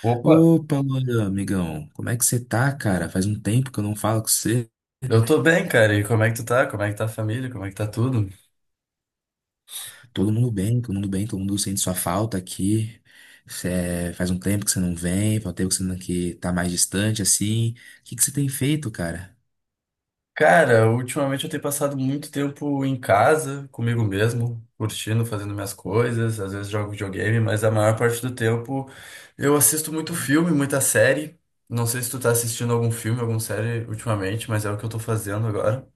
Opa, Opa, Luan, amigão, como é que você tá, cara? Faz um tempo que eu não falo com você. eu tô bem, cara. E como é que tu tá? Como é que tá a família? Como é que tá tudo? Todo mundo bem, todo mundo bem, todo mundo sente sua falta aqui. Faz um tempo que você não vem, faz um tempo que você não, que tá mais distante, assim. O que que você tem feito, cara? Cara, ultimamente eu tenho passado muito tempo em casa, comigo mesmo, curtindo, fazendo minhas coisas, às vezes jogo videogame, mas a maior parte do tempo eu assisto muito filme, muita série. Não sei se tu tá assistindo algum filme, alguma série ultimamente, mas é o que eu tô fazendo agora.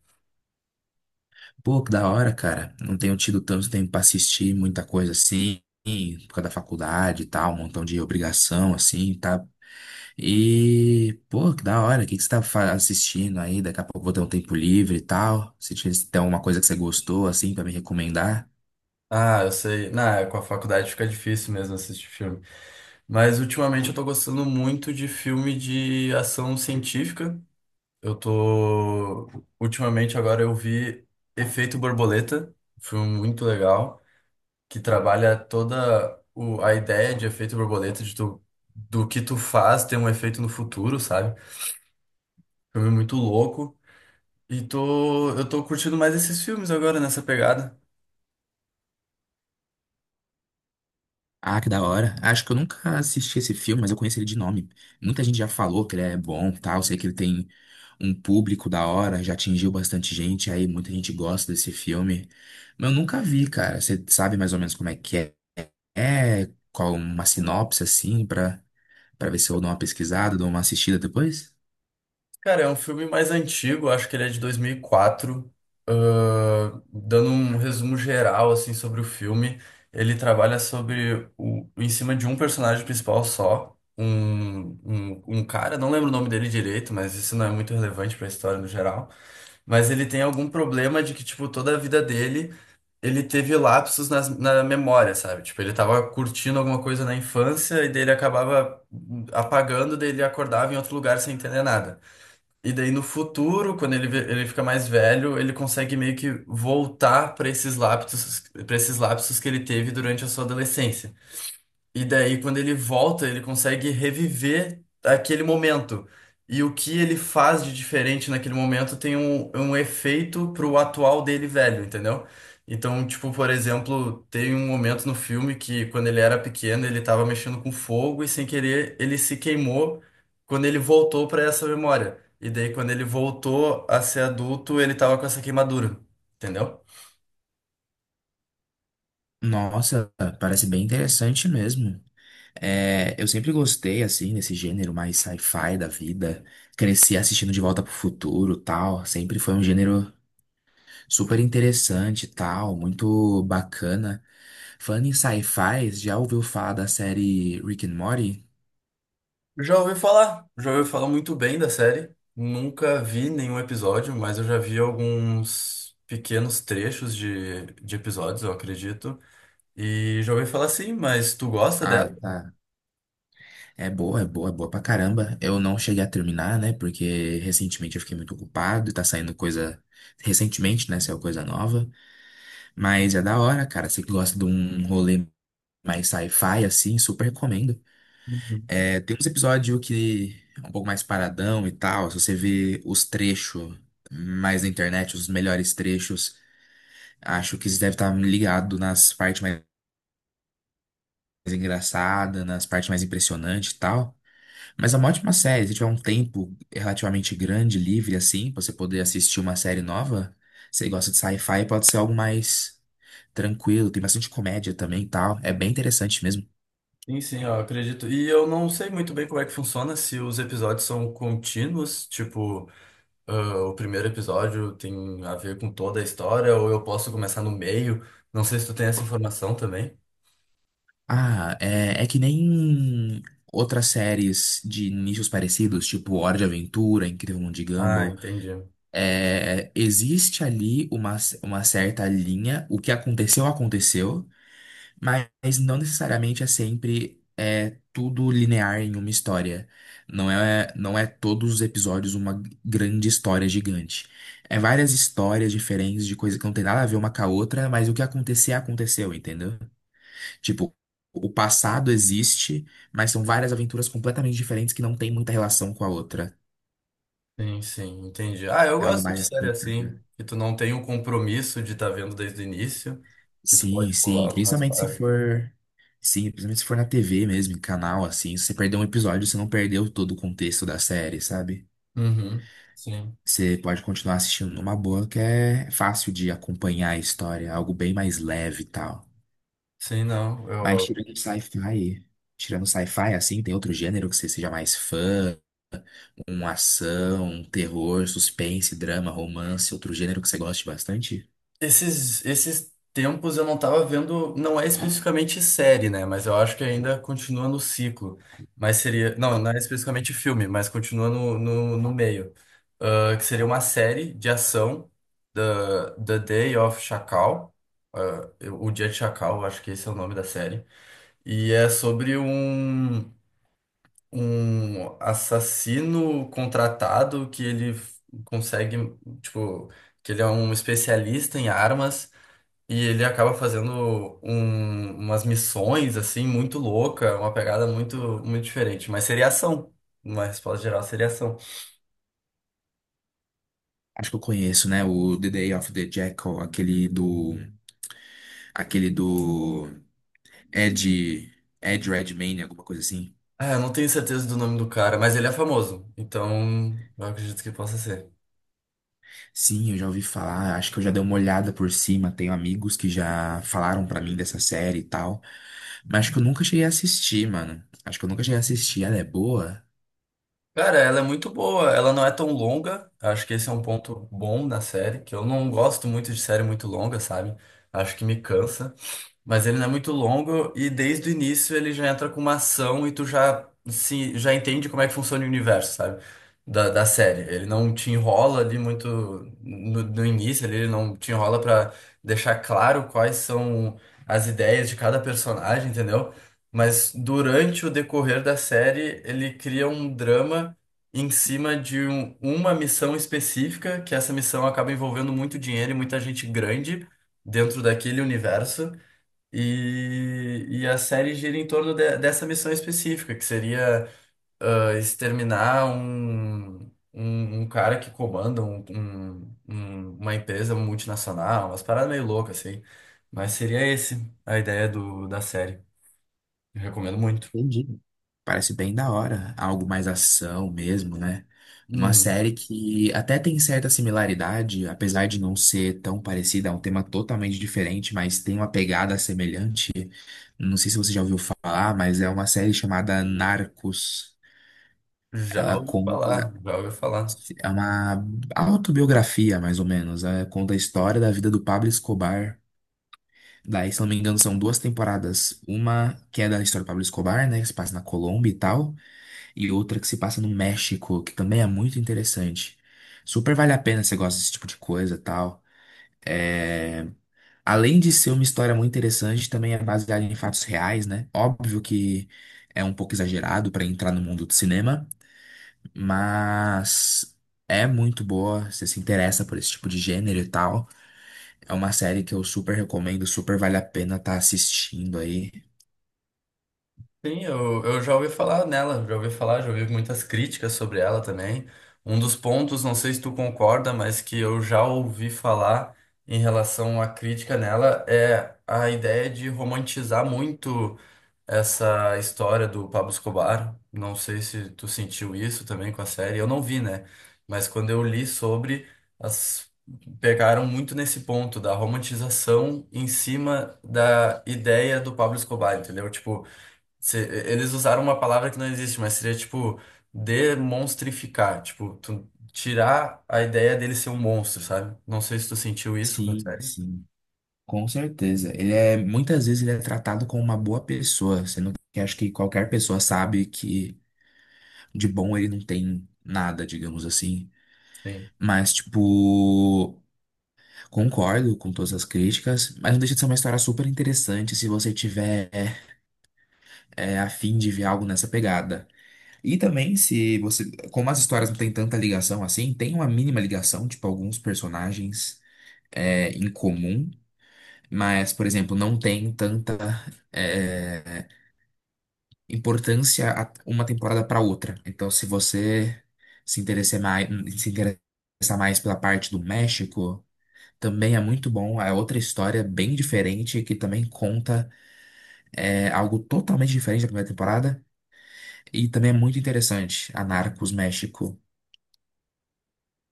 Pô, que da hora, cara. Não tenho tido tanto tempo pra assistir muita coisa assim, por causa da faculdade e tal, um montão de obrigação, assim, tá. E, pô, que da hora, o que que você tá assistindo aí? Daqui a pouco eu vou ter um tempo livre e tal. Se tem alguma coisa que você gostou, assim, pra me recomendar. Ah, eu sei. Na, com a faculdade fica difícil mesmo assistir filme. Mas ultimamente eu tô gostando muito de filme de ação científica. Eu tô. Ultimamente agora eu vi Efeito Borboleta, um filme muito legal, que trabalha toda a ideia de efeito borboleta, de tu... do que tu faz ter um efeito no futuro, sabe? Filme muito louco. E eu tô curtindo mais esses filmes agora nessa pegada. Ah, que da hora. Acho que eu nunca assisti esse filme, mas eu conheci ele de nome. Muita gente já falou que ele é bom, e tal. Sei que ele tem um público da hora, já atingiu bastante gente, aí muita gente gosta desse filme. Mas eu nunca vi, cara. Você sabe mais ou menos como é que é? É, qual uma sinopse, assim, pra, pra ver se eu dou uma pesquisada, dou uma assistida depois? Cara, é um filme mais antigo, acho que ele é de 2004. Dando um resumo geral assim sobre o filme, ele trabalha sobre em cima de um personagem principal só, um cara, não lembro o nome dele direito, mas isso não é muito relevante para a história no geral. Mas ele tem algum problema de que, tipo, toda a vida dele, ele teve lapsos na memória, sabe? Tipo, ele tava curtindo alguma coisa na infância e daí ele acabava apagando, daí ele acordava em outro lugar sem entender nada. E daí no futuro, ele fica mais velho, ele consegue meio que voltar para esses lapsos que ele teve durante a sua adolescência. E daí, quando ele volta, ele consegue reviver aquele momento. E o que ele faz de diferente naquele momento tem um efeito pro atual dele velho, entendeu? Então, tipo, por exemplo, tem um momento no filme que quando ele era pequeno, ele tava mexendo com fogo e sem querer ele se queimou quando ele voltou para essa memória. E daí, quando ele voltou a ser adulto, ele tava com essa queimadura, entendeu? Nossa, parece bem interessante mesmo. É, eu sempre gostei, assim, desse gênero mais sci-fi da vida. Cresci assistindo De Volta pro Futuro, tal. Sempre foi um gênero super interessante, tal, muito bacana. Falando em sci-fi, já ouviu falar da série Rick and Morty? Já ouvi falar muito bem da série. Nunca vi nenhum episódio, mas eu já vi alguns pequenos trechos de episódios, eu acredito. E já ouvi falar sim, mas tu gosta Ah, dela? tá. É boa, é boa, é boa pra caramba. Eu não cheguei a terminar, né? Porque recentemente eu fiquei muito ocupado e tá saindo coisa. Recentemente, né? Saiu coisa nova. Mas é da hora, cara. Você que gosta de um rolê mais sci-fi, assim, super recomendo. Uhum. É, tem uns episódios que é um pouco mais paradão e tal. Se você vê os trechos mais na internet, os melhores trechos, acho que você deve estar ligado nas partes mais engraçadas, nas partes mais impressionantes e tal. Mas é uma ótima série. Se tiver um tempo relativamente grande, livre, assim, pra você poder assistir uma série nova, você gosta de sci-fi, pode ser algo mais tranquilo. Tem bastante comédia também e tal. É bem interessante mesmo. Sim, sim, eu acredito. E eu não sei muito bem como é que funciona, se os episódios são contínuos, tipo, ah, o primeiro episódio tem a ver com toda a história, ou eu posso começar no meio. Não sei se tu tem essa informação também. Ah, é, é que nem outras séries de nichos parecidos, tipo Hora de Aventura, Incrível Mundo de Ah, Gumball. entendi. É, existe ali uma certa linha, o que aconteceu, aconteceu, mas não necessariamente tudo linear em uma história. Não é todos os episódios uma grande história gigante. É várias histórias diferentes de coisas que não tem nada a ver uma com a outra, mas o que acontecer, aconteceu, entendeu? Tipo, o passado existe, mas são várias aventuras completamente diferentes que não tem muita relação com a outra. Sim, sim, entendi. Ah, eu É algo gosto de mais série assim, cara. assim, que tu não tem o compromisso de estar vendo desde o início, que tu Sim, pode pular sim. algumas Principalmente se partes. for. Sim, principalmente se for na TV mesmo, em canal, assim. Se você perder um episódio, você não perdeu todo o contexto da série, sabe? Uhum, sim. Você pode continuar assistindo numa boa, que é fácil de acompanhar a história, é algo bem mais leve e tal. Sim, não. Mas Eu... tirando sci-fi, assim, tem outro gênero que você seja mais fã? Uma ação, um terror, suspense, drama, romance, outro gênero que você goste bastante? Esses tempos eu não tava vendo, não é especificamente série, né? Mas eu acho que ainda continua no ciclo. Mas seria. Não, não é especificamente filme, mas continua no meio. Ah, que seria uma série de ação, The, The Day of Chacal. Ah, o Dia de Chacal, eu acho que esse é o nome da série. E é sobre um, um assassino contratado consegue, tipo, que ele é um especialista em armas e ele acaba fazendo umas missões, assim, muito louca, uma pegada muito, muito diferente. Mas seria ação. Uma resposta geral seria ação. Acho que eu conheço, né? O The Day of the Jackal, aquele do. Aquele do. Ed. Ed Redmayne, alguma coisa assim. Ah, eu não tenho certeza do nome do cara, mas ele é famoso. Então, eu acredito que possa ser. Sim, eu já ouvi falar, acho que eu já dei uma olhada por cima. Tenho amigos que já falaram pra mim dessa série e tal. Mas acho que eu nunca cheguei a assistir, mano. Acho que eu nunca cheguei a assistir. Ela é boa? Cara, ela é muito boa, ela não é tão longa. Acho que esse é um ponto bom da série, que eu não gosto muito de série muito longa, sabe? Acho que me cansa. Mas ele não é muito longo e desde o início ele já entra com uma ação e tu já se já entende como é que funciona o universo, sabe? Da série. Ele não te enrola ali muito no início, ali, ele não te enrola pra deixar claro quais são as ideias de cada personagem, entendeu? Mas durante o decorrer da série, ele cria um drama em cima de uma missão específica, que essa missão acaba envolvendo muito dinheiro e muita gente grande dentro daquele universo. E a série gira em torno dessa missão específica, que seria exterminar um cara que comanda uma empresa multinacional, umas paradas meio loucas, assim. Mas seria esse a ideia da série. Eu recomendo muito. Entendi. Parece bem da hora, algo mais ação mesmo, né? Uma Uhum. série que até tem certa similaridade, apesar de não ser tão parecida, é um tema totalmente diferente, mas tem uma pegada semelhante. Não sei se você já ouviu falar, mas é uma série chamada Narcos. Já Ela ouvi falar, conta, já ouvi falar. é uma autobiografia, mais ou menos. Ela conta a história da vida do Pablo Escobar. Daí, se não me engano, são duas temporadas. Uma que é da história do Pablo Escobar, né? Que se passa na Colômbia e tal. E outra que se passa no México, que também é muito interessante. Super vale a pena se você gosta desse tipo de coisa e tal. É, além de ser uma história muito interessante, também é baseada em fatos reais, né? Óbvio que é um pouco exagerado para entrar no mundo do cinema, mas é muito boa. Se você se interessa por esse tipo de gênero e tal, é uma série que eu super recomendo, super vale a pena estar assistindo aí. Sim, eu já ouvi falar nela, já ouvi falar, já ouvi muitas críticas sobre ela também. Um dos pontos, não sei se tu concorda, mas que eu já ouvi falar em relação à crítica nela é a ideia de romantizar muito essa história do Pablo Escobar. Não sei se tu sentiu isso também com a série, eu não vi, né? Mas quando eu li sobre, as pegaram muito nesse ponto da romantização em cima da ideia do Pablo Escobar, entendeu? Tipo, se- eles usaram uma palavra que não existe, mas seria tipo demonstrificar, tipo, tu tirar a ideia dele ser um monstro, sabe? Não sei se tu sentiu isso com a Sim, série. sim. Com certeza. Ele é, muitas vezes ele é tratado como uma boa pessoa, sendo que acho que qualquer pessoa sabe que de bom ele não tem nada, digamos assim. Sim. Mas, tipo, concordo com todas as críticas, mas não deixa de ser uma história super interessante se você tiver a fim de ver algo nessa pegada. E também, se você, como as histórias não têm tanta ligação assim, tem uma mínima ligação, tipo, alguns personagens em comum, mas, por exemplo, não tem tanta é, importância uma temporada para outra. Então, se você se interessar mais, se interessar mais pela parte do México, também é muito bom. É outra história bem diferente que também conta algo totalmente diferente da primeira temporada. E também é muito interessante. A Narcos México.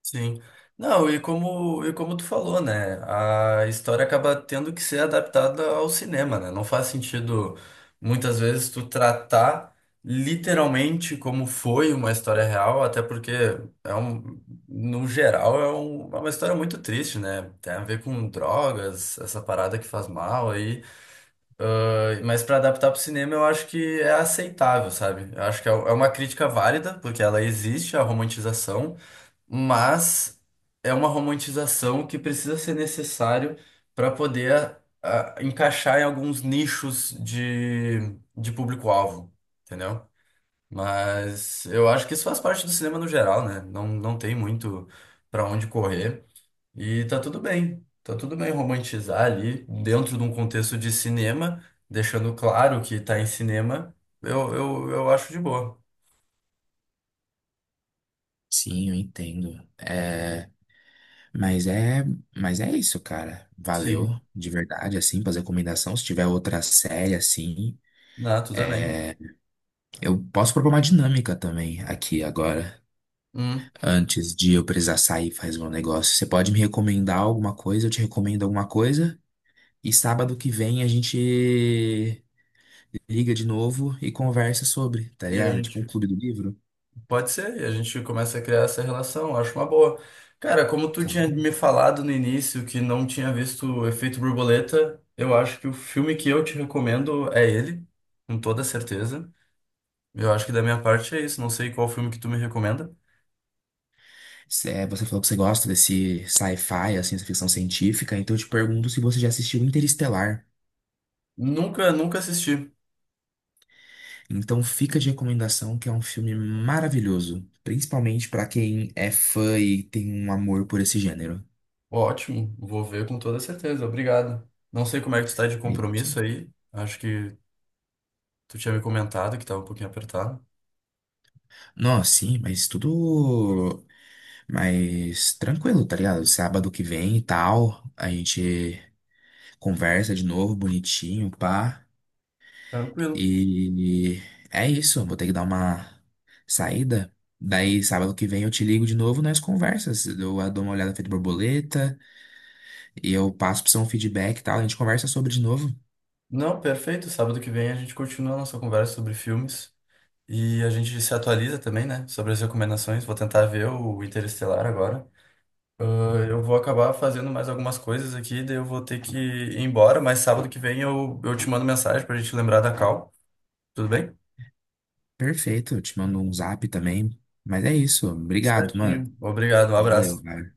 Sim. Não, e como tu falou, né? A história acaba tendo que ser adaptada ao cinema, né? Não faz sentido, muitas vezes, tu tratar literalmente como foi uma história real, até porque é um, no geral é, é uma história muito triste, né? Tem a ver com drogas, essa parada que faz mal aí. Mas para adaptar pro cinema eu acho que é aceitável, sabe? Eu acho que é uma crítica válida, porque ela existe, a romantização mas é uma romantização que precisa ser necessário para poder encaixar em alguns nichos de público-alvo, entendeu? Mas eu acho que isso faz parte do cinema no geral, né? Não, não tem muito para onde correr e tá tudo bem. Tá tudo bem romantizar ali dentro de um contexto de cinema, deixando claro que tá em cinema, eu acho de boa. Sim, eu entendo. É, mas é, mas é isso, cara. Sim. Valeu de verdade, assim, fazer recomendação. Se tiver outra série, assim, Ah, tu também. eu posso propor uma dinâmica também aqui agora, Hum. antes de eu precisar sair fazer um negócio. Você pode me recomendar alguma coisa, eu te recomendo alguma coisa. E sábado que vem a gente liga de novo e conversa sobre, tá E a ligado? Tipo um gente. clube do livro. Pode ser, e a gente começa a criar essa relação, eu acho uma boa. Cara, como tu tinha Claro. me falado no início que não tinha visto o Efeito Borboleta, eu acho que o filme que eu te recomendo é ele, com toda certeza. Eu acho que da minha parte é isso, não sei qual filme que tu me recomenda. Você falou que você gosta desse sci-fi, assim, essa ficção científica, então eu te pergunto se você já assistiu Interestelar. Nunca, nunca assisti. Então fica de recomendação que é um filme maravilhoso, principalmente pra quem é fã e tem um amor por esse gênero. Ótimo, vou ver com toda certeza, obrigado. Não sei como é que tu tá de É isso. compromisso aí, acho que tu tinha me comentado que tava um pouquinho apertado. Nossa, sim, mas tudo. Mas tranquilo, tá ligado? Sábado que vem e tal, a gente conversa de novo, bonitinho, pá. Tranquilo. E é isso, vou ter que dar uma saída. Daí, sábado que vem eu te ligo de novo, nós conversas. Eu dou uma olhada feita borboleta e eu passo pra você um feedback e tal. A gente conversa sobre de novo. Não, perfeito, sábado que vem a gente continua a nossa conversa sobre filmes. E a gente se atualiza também, né? Sobre as recomendações. Vou tentar ver o Interestelar agora. Ah, eu vou acabar fazendo mais algumas coisas aqui, daí eu vou ter que ir embora, mas sábado que vem eu te mando mensagem pra gente lembrar da call. Tudo bem? Perfeito, eu te mando um zap também. Mas é isso, obrigado, mano. Certinho. Obrigado, um Valeu, abraço. cara.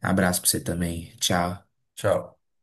Abraço pra você também. Tchau. Tchau.